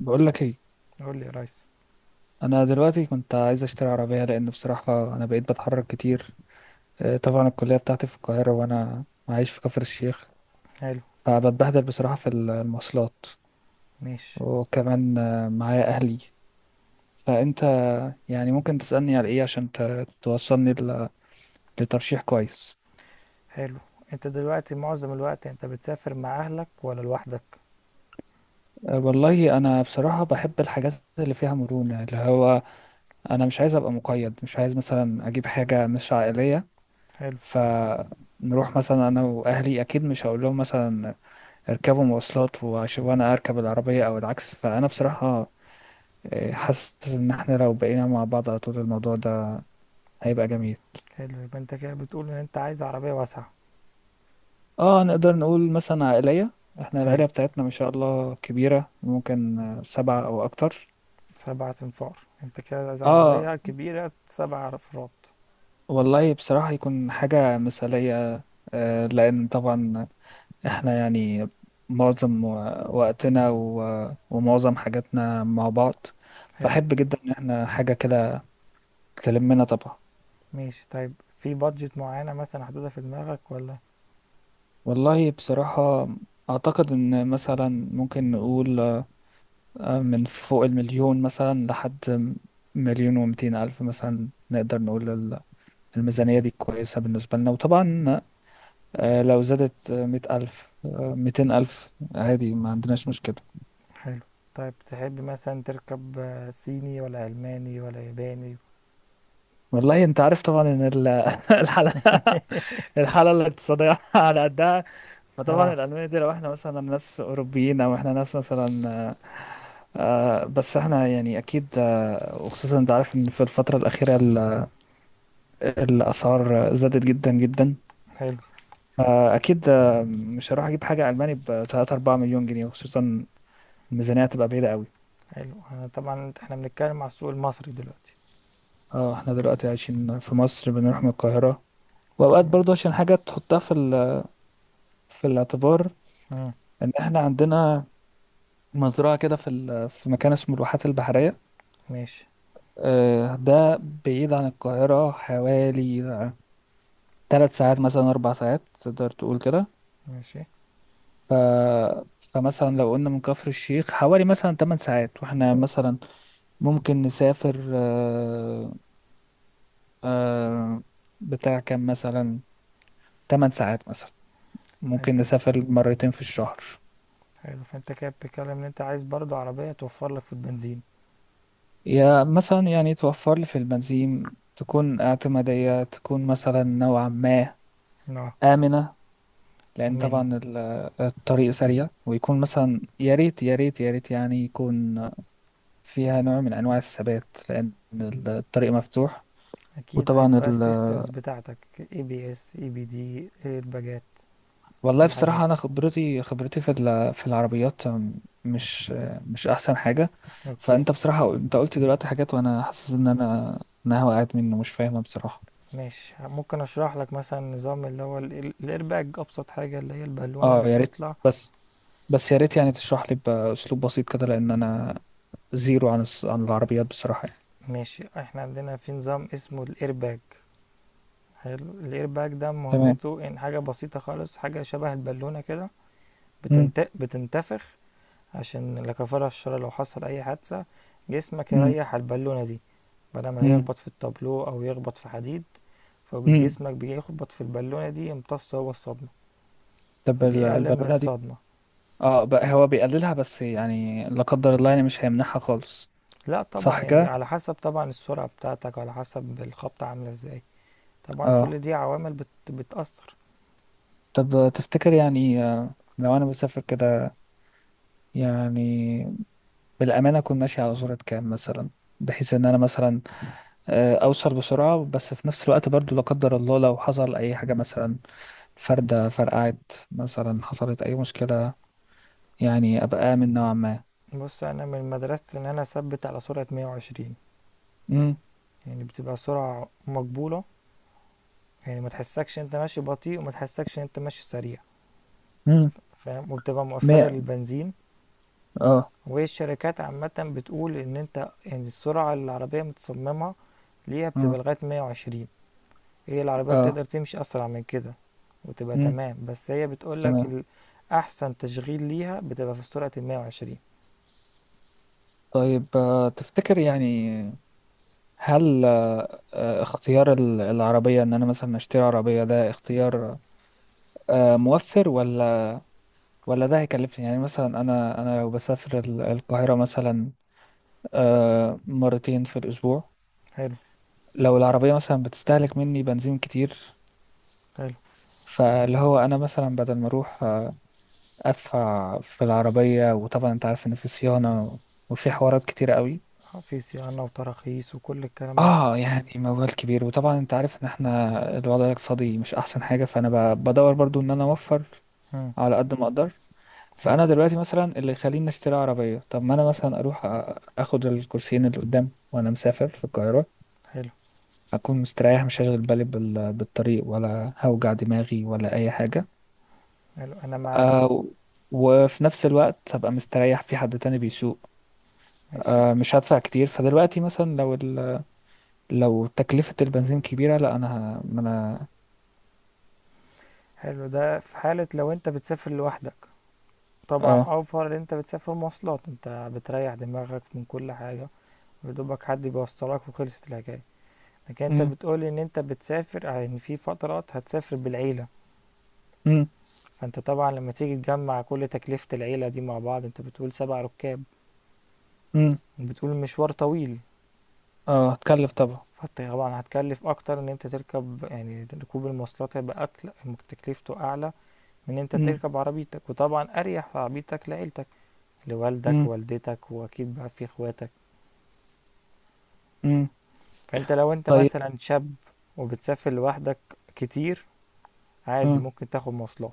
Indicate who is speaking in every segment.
Speaker 1: بقول لك ايه؟
Speaker 2: قول لي يا ريس.
Speaker 1: انا دلوقتي كنت عايز اشتري عربيه لان بصراحه انا بقيت بتحرك كتير. طبعا الكليه بتاعتي في القاهره، وانا عايش في كفر الشيخ.
Speaker 2: حلو.
Speaker 1: فبتبهدل بصراحه في المواصلات.
Speaker 2: ماشي.
Speaker 1: وكمان معايا اهلي. فانت يعني ممكن تسالني على ايه عشان توصلني لترشيح كويس.
Speaker 2: حلو. انت دلوقتي معظم الوقت انت بتسافر مع اهلك ولا لوحدك؟
Speaker 1: والله انا بصراحه بحب الحاجات اللي فيها مرونه، اللي هو انا مش عايز ابقى مقيد، مش عايز مثلا اجيب حاجه مش عائليه.
Speaker 2: حلو.
Speaker 1: ف نروح مثلا انا واهلي، اكيد مش هقول لهم مثلا يركبوا مواصلات وانا اركب العربية او العكس، فانا بصراحة حاسس ان احنا لو بقينا مع بعض على طول الموضوع ده هيبقى جميل.
Speaker 2: حلو، يبقى انت كده بتقول ان انت عايز عربية واسعة.
Speaker 1: اه، نقدر نقول مثلا عائلية. احنا
Speaker 2: حلو.
Speaker 1: العيلة بتاعتنا ما شاء الله كبيرة، ممكن سبعة او اكتر.
Speaker 2: سبعة انفار، انت كده عايز
Speaker 1: اه،
Speaker 2: عربية كبيرة سبع افراد.
Speaker 1: والله بصراحة يكون حاجة مثالية. لان طبعا احنا يعني معظم وقتنا ومعظم حاجاتنا مع بعض.
Speaker 2: حلو.
Speaker 1: فأحب جدا ان احنا حاجة كده تلمنا طبعا.
Speaker 2: ماشي، طيب. في بادجت معينة مثلا حدودها في دماغك ولا؟
Speaker 1: والله بصراحة أعتقد إن مثلا ممكن نقول من فوق المليون، مثلا لحد مليون و200 ألف. مثلا نقدر نقول الميزانية دي كويسة بالنسبة لنا. وطبعا لو زادت 100 ألف، 200 ألف، عادي، ما عندناش مشكلة.
Speaker 2: حلو. طيب، تحب مثلا تركب صيني ولا ألماني ولا ياباني؟
Speaker 1: والله أنت عارف طبعا إن الحالة الحالة الاقتصادية على قدها. فطبعا
Speaker 2: اه.
Speaker 1: الألماني دي لو احنا مثلا ناس أوروبيين أو احنا ناس مثلا، بس احنا يعني أكيد. وخصوصا أنت عارف إن في الفترة الأخيرة الأسعار زادت جدا جدا.
Speaker 2: حلو.
Speaker 1: أكيد، مش هروح أجيب حاجة ألماني بتلاتة أربعة مليون جنيه، وخصوصا الميزانية هتبقى بعيدة قوي.
Speaker 2: حلو، انا طبعا احنا بنتكلم على السوق المصري دلوقتي.
Speaker 1: اه، احنا دلوقتي عايشين في مصر، بنروح من القاهرة. وأوقات برضو عشان حاجة تحطها في الاعتبار.
Speaker 2: مم.
Speaker 1: إن احنا عندنا مزرعة كده في مكان اسمه الواحات البحرية.
Speaker 2: ماشي.
Speaker 1: ده بعيد عن القاهرة حوالي 3 ساعات، مثلا 4 ساعات، تقدر تقول كده.
Speaker 2: ماشي.
Speaker 1: ف... فمثلا لو قلنا من كفر الشيخ حوالي مثلا 8 ساعات، واحنا مثلا ممكن نسافر، آه، بتاع كام مثلا، 8 ساعات مثلا، ممكن
Speaker 2: فانت.
Speaker 1: نسافر مرتين في الشهر.
Speaker 2: حلو، فانت كده بتتكلم ان انت عايز برضو عربية توفر لك في البنزين.
Speaker 1: يا مثلا يعني توفر لي في البنزين، تكون اعتمادية، تكون مثلا نوعا ما
Speaker 2: اه.
Speaker 1: آمنة. لأن
Speaker 2: امنة.
Speaker 1: طبعا الطريق سريع، ويكون مثلا يا ريت يا ريت يا ريت يعني يكون فيها نوع من أنواع الثبات، لأن الطريق مفتوح.
Speaker 2: اكيد عايز
Speaker 1: وطبعا
Speaker 2: بقى السيستمز بتاعتك، اي بي اس، اي بي دي، ايرباجات،
Speaker 1: والله
Speaker 2: الحاجات
Speaker 1: بصراحة أنا
Speaker 2: دي.
Speaker 1: خبرتي في العربيات مش مش أحسن حاجة.
Speaker 2: اوكي.
Speaker 1: فأنت بصراحة أنت قلت دلوقتي حاجات، وأنا حاسس إن أنا وقعت منه مش فاهمها بصراحة.
Speaker 2: ماشي، ممكن اشرح لك مثلا نظام اللي هو الايرباج، ابسط حاجة اللي هي البالونة اللي
Speaker 1: أه يا ريت.
Speaker 2: بتطلع.
Speaker 1: بس بس يا ريت يعني تشرح لي بأسلوب بسيط كده، لأن أنا زيرو عن العربيات بصراحة يعني.
Speaker 2: ماشي. احنا عندنا في نظام اسمه الايرباج. حلو، الايرباج ده
Speaker 1: تمام.
Speaker 2: مهمته ان حاجة بسيطة خالص، حاجة شبه البالونة كده،
Speaker 1: مم.
Speaker 2: بتنتفخ عشان لا كفارة الشر لو حصل أي حادثة، جسمك
Speaker 1: مم.
Speaker 2: يريح على البالونة دي بدل ما
Speaker 1: مم.
Speaker 2: يخبط في التابلو أو يخبط في حديد،
Speaker 1: امم.
Speaker 2: فجسمك بيخبط في البالونة دي، يمتص هو الصدمة
Speaker 1: طب
Speaker 2: فبيقلل من
Speaker 1: البالونه دي.
Speaker 2: الصدمة.
Speaker 1: اه، بقى هو بيقللها بس، يعني لا قدر الله يعني مش هيمنعها خالص.
Speaker 2: لا طبعا،
Speaker 1: صح
Speaker 2: يعني
Speaker 1: كده.
Speaker 2: على حسب طبعا السرعة بتاعتك، وعلى حسب الخبطة عاملة ازاي. طبعا كل
Speaker 1: اه،
Speaker 2: دي عوامل بتأثر.
Speaker 1: طب تفتكر يعني، لو انا بسافر كده يعني، بالامانه اكون ماشي على سرعه كام مثلا؟ بحيث ان انا مثلا اوصل بسرعه، بس في نفس الوقت برضو لا قدر الله لو حصل اي حاجه مثلا، فرده فرقعت، مثلا حصلت اي مشكله، يعني ابقى امن نوعا ما.
Speaker 2: بص، أنا من مدرسة إن أنا أثبت على سرعة 120.
Speaker 1: امم.
Speaker 2: يعني بتبقى سرعة مقبولة، يعني ما تحسكش انت ماشي بطيء، وما تحسكش انت ماشي سريع،
Speaker 1: امم.
Speaker 2: فاهم، وبتبقى مؤثرة
Speaker 1: مية.
Speaker 2: للبنزين.
Speaker 1: اه.
Speaker 2: والشركات عامة بتقول ان انت يعني السرعة اللي العربية متصممة ليها بتبقى
Speaker 1: اه.
Speaker 2: لغاية 120. هي العربية
Speaker 1: اه.
Speaker 2: بتقدر تمشي اسرع من كده وتبقى
Speaker 1: امم.
Speaker 2: تمام، بس هي بتقولك
Speaker 1: تمام.
Speaker 2: احسن تشغيل ليها بتبقى في سرعة 120.
Speaker 1: طيب تفتكر يعني، هل اختيار العربية ان انا مثلا اشتري عربية، ده اختيار موفر، ولا ده هيكلفني؟ يعني مثلا انا لو بسافر القاهرة مثلا مرتين في الاسبوع.
Speaker 2: حلو.
Speaker 1: لو العربية مثلا بتستهلك مني بنزين كتير،
Speaker 2: حلو،
Speaker 1: فاللي هو انا مثلا بدل ما اروح ادفع في العربية. وطبعا انت عارف ان في صيانة، وفي حوارات كتير قوي.
Speaker 2: في صيانة وتراخيص وكل الكلام ده.
Speaker 1: اه يعني موال كبير، وطبعا انت عارف ان احنا الوضع الاقتصادي مش احسن حاجة. فانا بدور برضو ان انا اوفر
Speaker 2: مم.
Speaker 1: على قد ما اقدر.
Speaker 2: حلو.
Speaker 1: فانا دلوقتي مثلا اللي يخليني اشتري عربية. طب ما انا مثلا اروح اخد الكرسيين اللي قدام وانا مسافر في القاهرة.
Speaker 2: حلو.
Speaker 1: هكون مستريح، مش هشغل بالي بالطريق، ولا هوجع دماغي ولا اي حاجة.
Speaker 2: حلو، انا معاك.
Speaker 1: آه. وفي نفس الوقت هبقى مستريح في حد تاني بيسوق.
Speaker 2: ماشي.
Speaker 1: آه، مش هدفع كتير. فدلوقتي مثلا لو تكلفة البنزين كبيرة، لا انا ما انا.
Speaker 2: حلو، ده في حالة لو انت بتسافر لوحدك. طبعا
Speaker 1: اه.
Speaker 2: اوفر ان انت بتسافر مواصلات، انت بتريح دماغك من كل حاجة، يدوبك حد بيوصلك وخلصت الحكاية. لكن انت
Speaker 1: مم.
Speaker 2: بتقولي ان انت بتسافر يعني في فترات هتسافر بالعيلة.
Speaker 1: مم.
Speaker 2: فانت طبعا لما تيجي تجمع كل تكلفة العيلة دي مع بعض، انت بتقول سبع ركاب،
Speaker 1: مم.
Speaker 2: بتقول المشوار طويل.
Speaker 1: اه، هتكلف طبعا.
Speaker 2: فانت طبعا هتكلف اكتر، ان انت تركب يعني ركوب المواصلات هيبقى أكل، تكلفته اعلى من ان انت
Speaker 1: مم.
Speaker 2: تركب عربيتك، وطبعا اريح في عربيتك لعيلتك، لوالدك
Speaker 1: مم.
Speaker 2: ووالدتك واكيد بقى في اخواتك.
Speaker 1: مم.
Speaker 2: فانت لو انت
Speaker 1: طيب.
Speaker 2: مثلا شاب وبتسافر لوحدك كتير، عادي
Speaker 1: مم.
Speaker 2: ممكن تاخد مواصلات.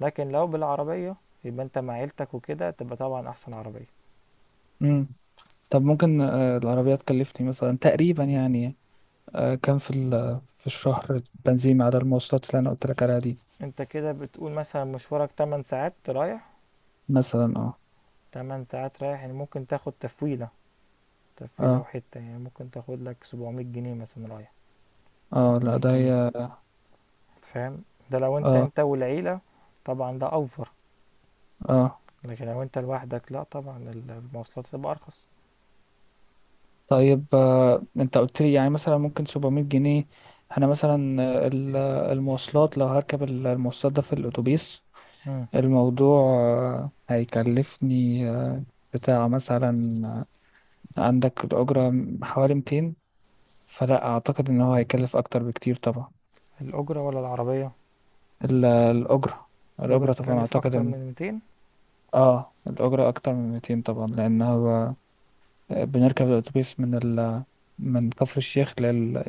Speaker 2: لكن لو بالعربية، يبقى انت مع عيلتك وكده، تبقى طبعا احسن عربية.
Speaker 1: مم. طب ممكن العربية تكلفني مثلا تقريبا يعني كام في الشهر بنزين على المواصلات اللي انا قلت لك عليها دي؟
Speaker 2: انت كده بتقول مثلا مشوارك 8 ساعات رايح.
Speaker 1: مثلا، اه.
Speaker 2: 8 ساعات رايح، يعني ممكن تاخد تفويلة، تفويلة
Speaker 1: اه،
Speaker 2: وحتة، يعني ممكن تاخد لك 700 جنيه مثلا رايح،
Speaker 1: اه، لا،
Speaker 2: 800
Speaker 1: ده
Speaker 2: جنيه
Speaker 1: هي.
Speaker 2: فاهم. ده لو انت
Speaker 1: اه.
Speaker 2: انت والعيلة، طبعا ده اوفر.
Speaker 1: اه،
Speaker 2: لكن لو انت لوحدك، لا طبعا المواصلات تبقى ارخص.
Speaker 1: طيب انت قلت لي يعني مثلا ممكن 700 جنيه. انا مثلا المواصلات، لو هركب المواصلات، ده في الاتوبيس.
Speaker 2: مم.
Speaker 1: الموضوع هيكلفني بتاع مثلا، عندك الأجرة حوالي 200. فلا أعتقد إن هو هيكلف أكتر بكتير طبعا.
Speaker 2: الاجرة ولا العربية؟
Speaker 1: ال- الأجرة
Speaker 2: الاجرة
Speaker 1: الأجرة طبعا
Speaker 2: تكلف
Speaker 1: أعتقد
Speaker 2: اكتر
Speaker 1: إن
Speaker 2: من 200.
Speaker 1: آه الأجرة أكتر من 200 طبعا، لأن هو بنركب الأتوبيس من كفر الشيخ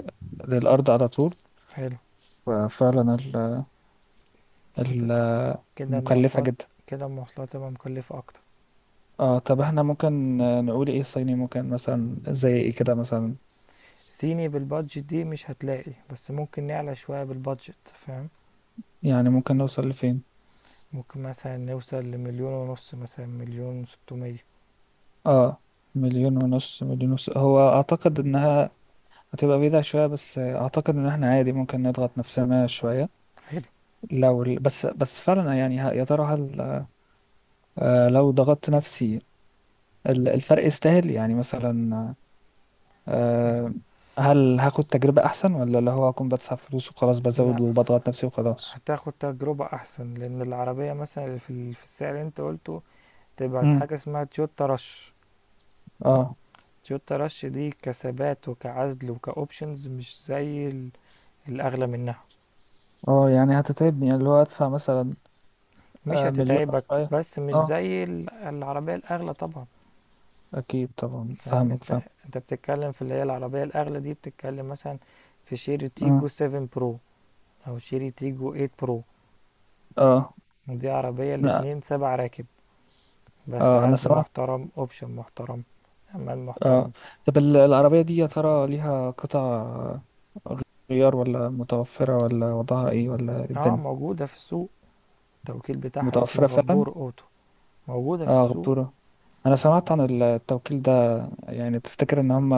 Speaker 1: للأرض على طول.
Speaker 2: حلو.
Speaker 1: ففعلا
Speaker 2: فت-
Speaker 1: ال...
Speaker 2: كده
Speaker 1: مكلفة
Speaker 2: المواصلات،
Speaker 1: جدا.
Speaker 2: كده المواصلات تبقى مكلفة اكتر.
Speaker 1: آه، طب إحنا ممكن نقول إيه؟ الصيني ممكن مثلا زي إيه كده مثلا؟
Speaker 2: صيني بالبادجت دي مش هتلاقي، بس ممكن نعلى شوية بالبادجت، فاهم.
Speaker 1: يعني ممكن نوصل لفين؟
Speaker 2: ممكن مثلا نوصل لمليون ونص، مثلا مليون وستمية.
Speaker 1: اه، مليون ونص مليون ونص. هو اعتقد انها هتبقى بعيدة شوية، بس اعتقد ان احنا عادي ممكن نضغط نفسنا شوية.
Speaker 2: حلو.
Speaker 1: بس فعلا يعني، يا ترى هل آه، لو ضغطت نفسي، الفرق يستاهل يعني مثلا،
Speaker 2: ال-
Speaker 1: آه هل هاخد تجربة احسن، ولا اللي هو هكون بدفع فلوس وخلاص، بزود
Speaker 2: لا،
Speaker 1: وبضغط نفسي وخلاص؟
Speaker 2: هتاخد تجربة أحسن، لأن العربية مثلا اللي في في السعر اللي أنت قلته، تبقى
Speaker 1: امم.
Speaker 2: حاجة اسمها تويوتا رش.
Speaker 1: اه.
Speaker 2: تويوتا رش دي كثبات وكعزل وكأوبشنز مش زي الأغلى منها.
Speaker 1: اه يعني هتتعبني، يعني اللي هو ادفع مثلا
Speaker 2: مش
Speaker 1: آه مليون أو
Speaker 2: هتتعبك،
Speaker 1: شوية.
Speaker 2: بس مش
Speaker 1: اه
Speaker 2: زي العربية الأغلى طبعا.
Speaker 1: اكيد طبعا،
Speaker 2: فاهم
Speaker 1: فاهمك
Speaker 2: انت،
Speaker 1: فاهم.
Speaker 2: انت بتتكلم في اللي هي العربية الأغلى دي، بتتكلم مثلا في شيري تيجو
Speaker 1: اه.
Speaker 2: 7 برو، أو شيري تيجو 8 برو.
Speaker 1: اه.
Speaker 2: دي عربية الاتنين سبع راكب، بس
Speaker 1: اه، انا
Speaker 2: عزل
Speaker 1: سمعت.
Speaker 2: محترم، اوبشن محترم، أمان
Speaker 1: اه،
Speaker 2: محترم.
Speaker 1: طب العربية دي يا ترى ليها قطع غيار، ولا متوفرة، ولا وضعها ايه، ولا إيه
Speaker 2: اه،
Speaker 1: الدنيا؟
Speaker 2: موجودة في السوق. التوكيل بتاعها اسمه
Speaker 1: متوفرة فعلا؟
Speaker 2: غبور أوتو. موجودة في
Speaker 1: اه
Speaker 2: السوق.
Speaker 1: غبورة، انا سمعت عن التوكيل ده. يعني تفتكر ان هم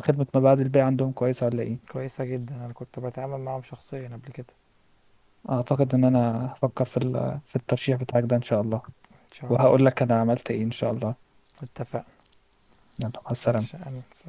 Speaker 1: خدمة ما بعد البيع عندهم كويسة ولا ايه؟
Speaker 2: كويسة جدا، أنا كنت بتعامل معاهم شخصيا قبل كده.
Speaker 1: اعتقد ان انا هفكر في الترشيح بتاعك ده ان شاء الله.
Speaker 2: إن شاء الله.
Speaker 1: وهقول لك انا عملت ايه ان شاء الله.
Speaker 2: اتفقنا.
Speaker 1: يلا، مع
Speaker 2: مش
Speaker 1: السلامة.
Speaker 2: أنسى.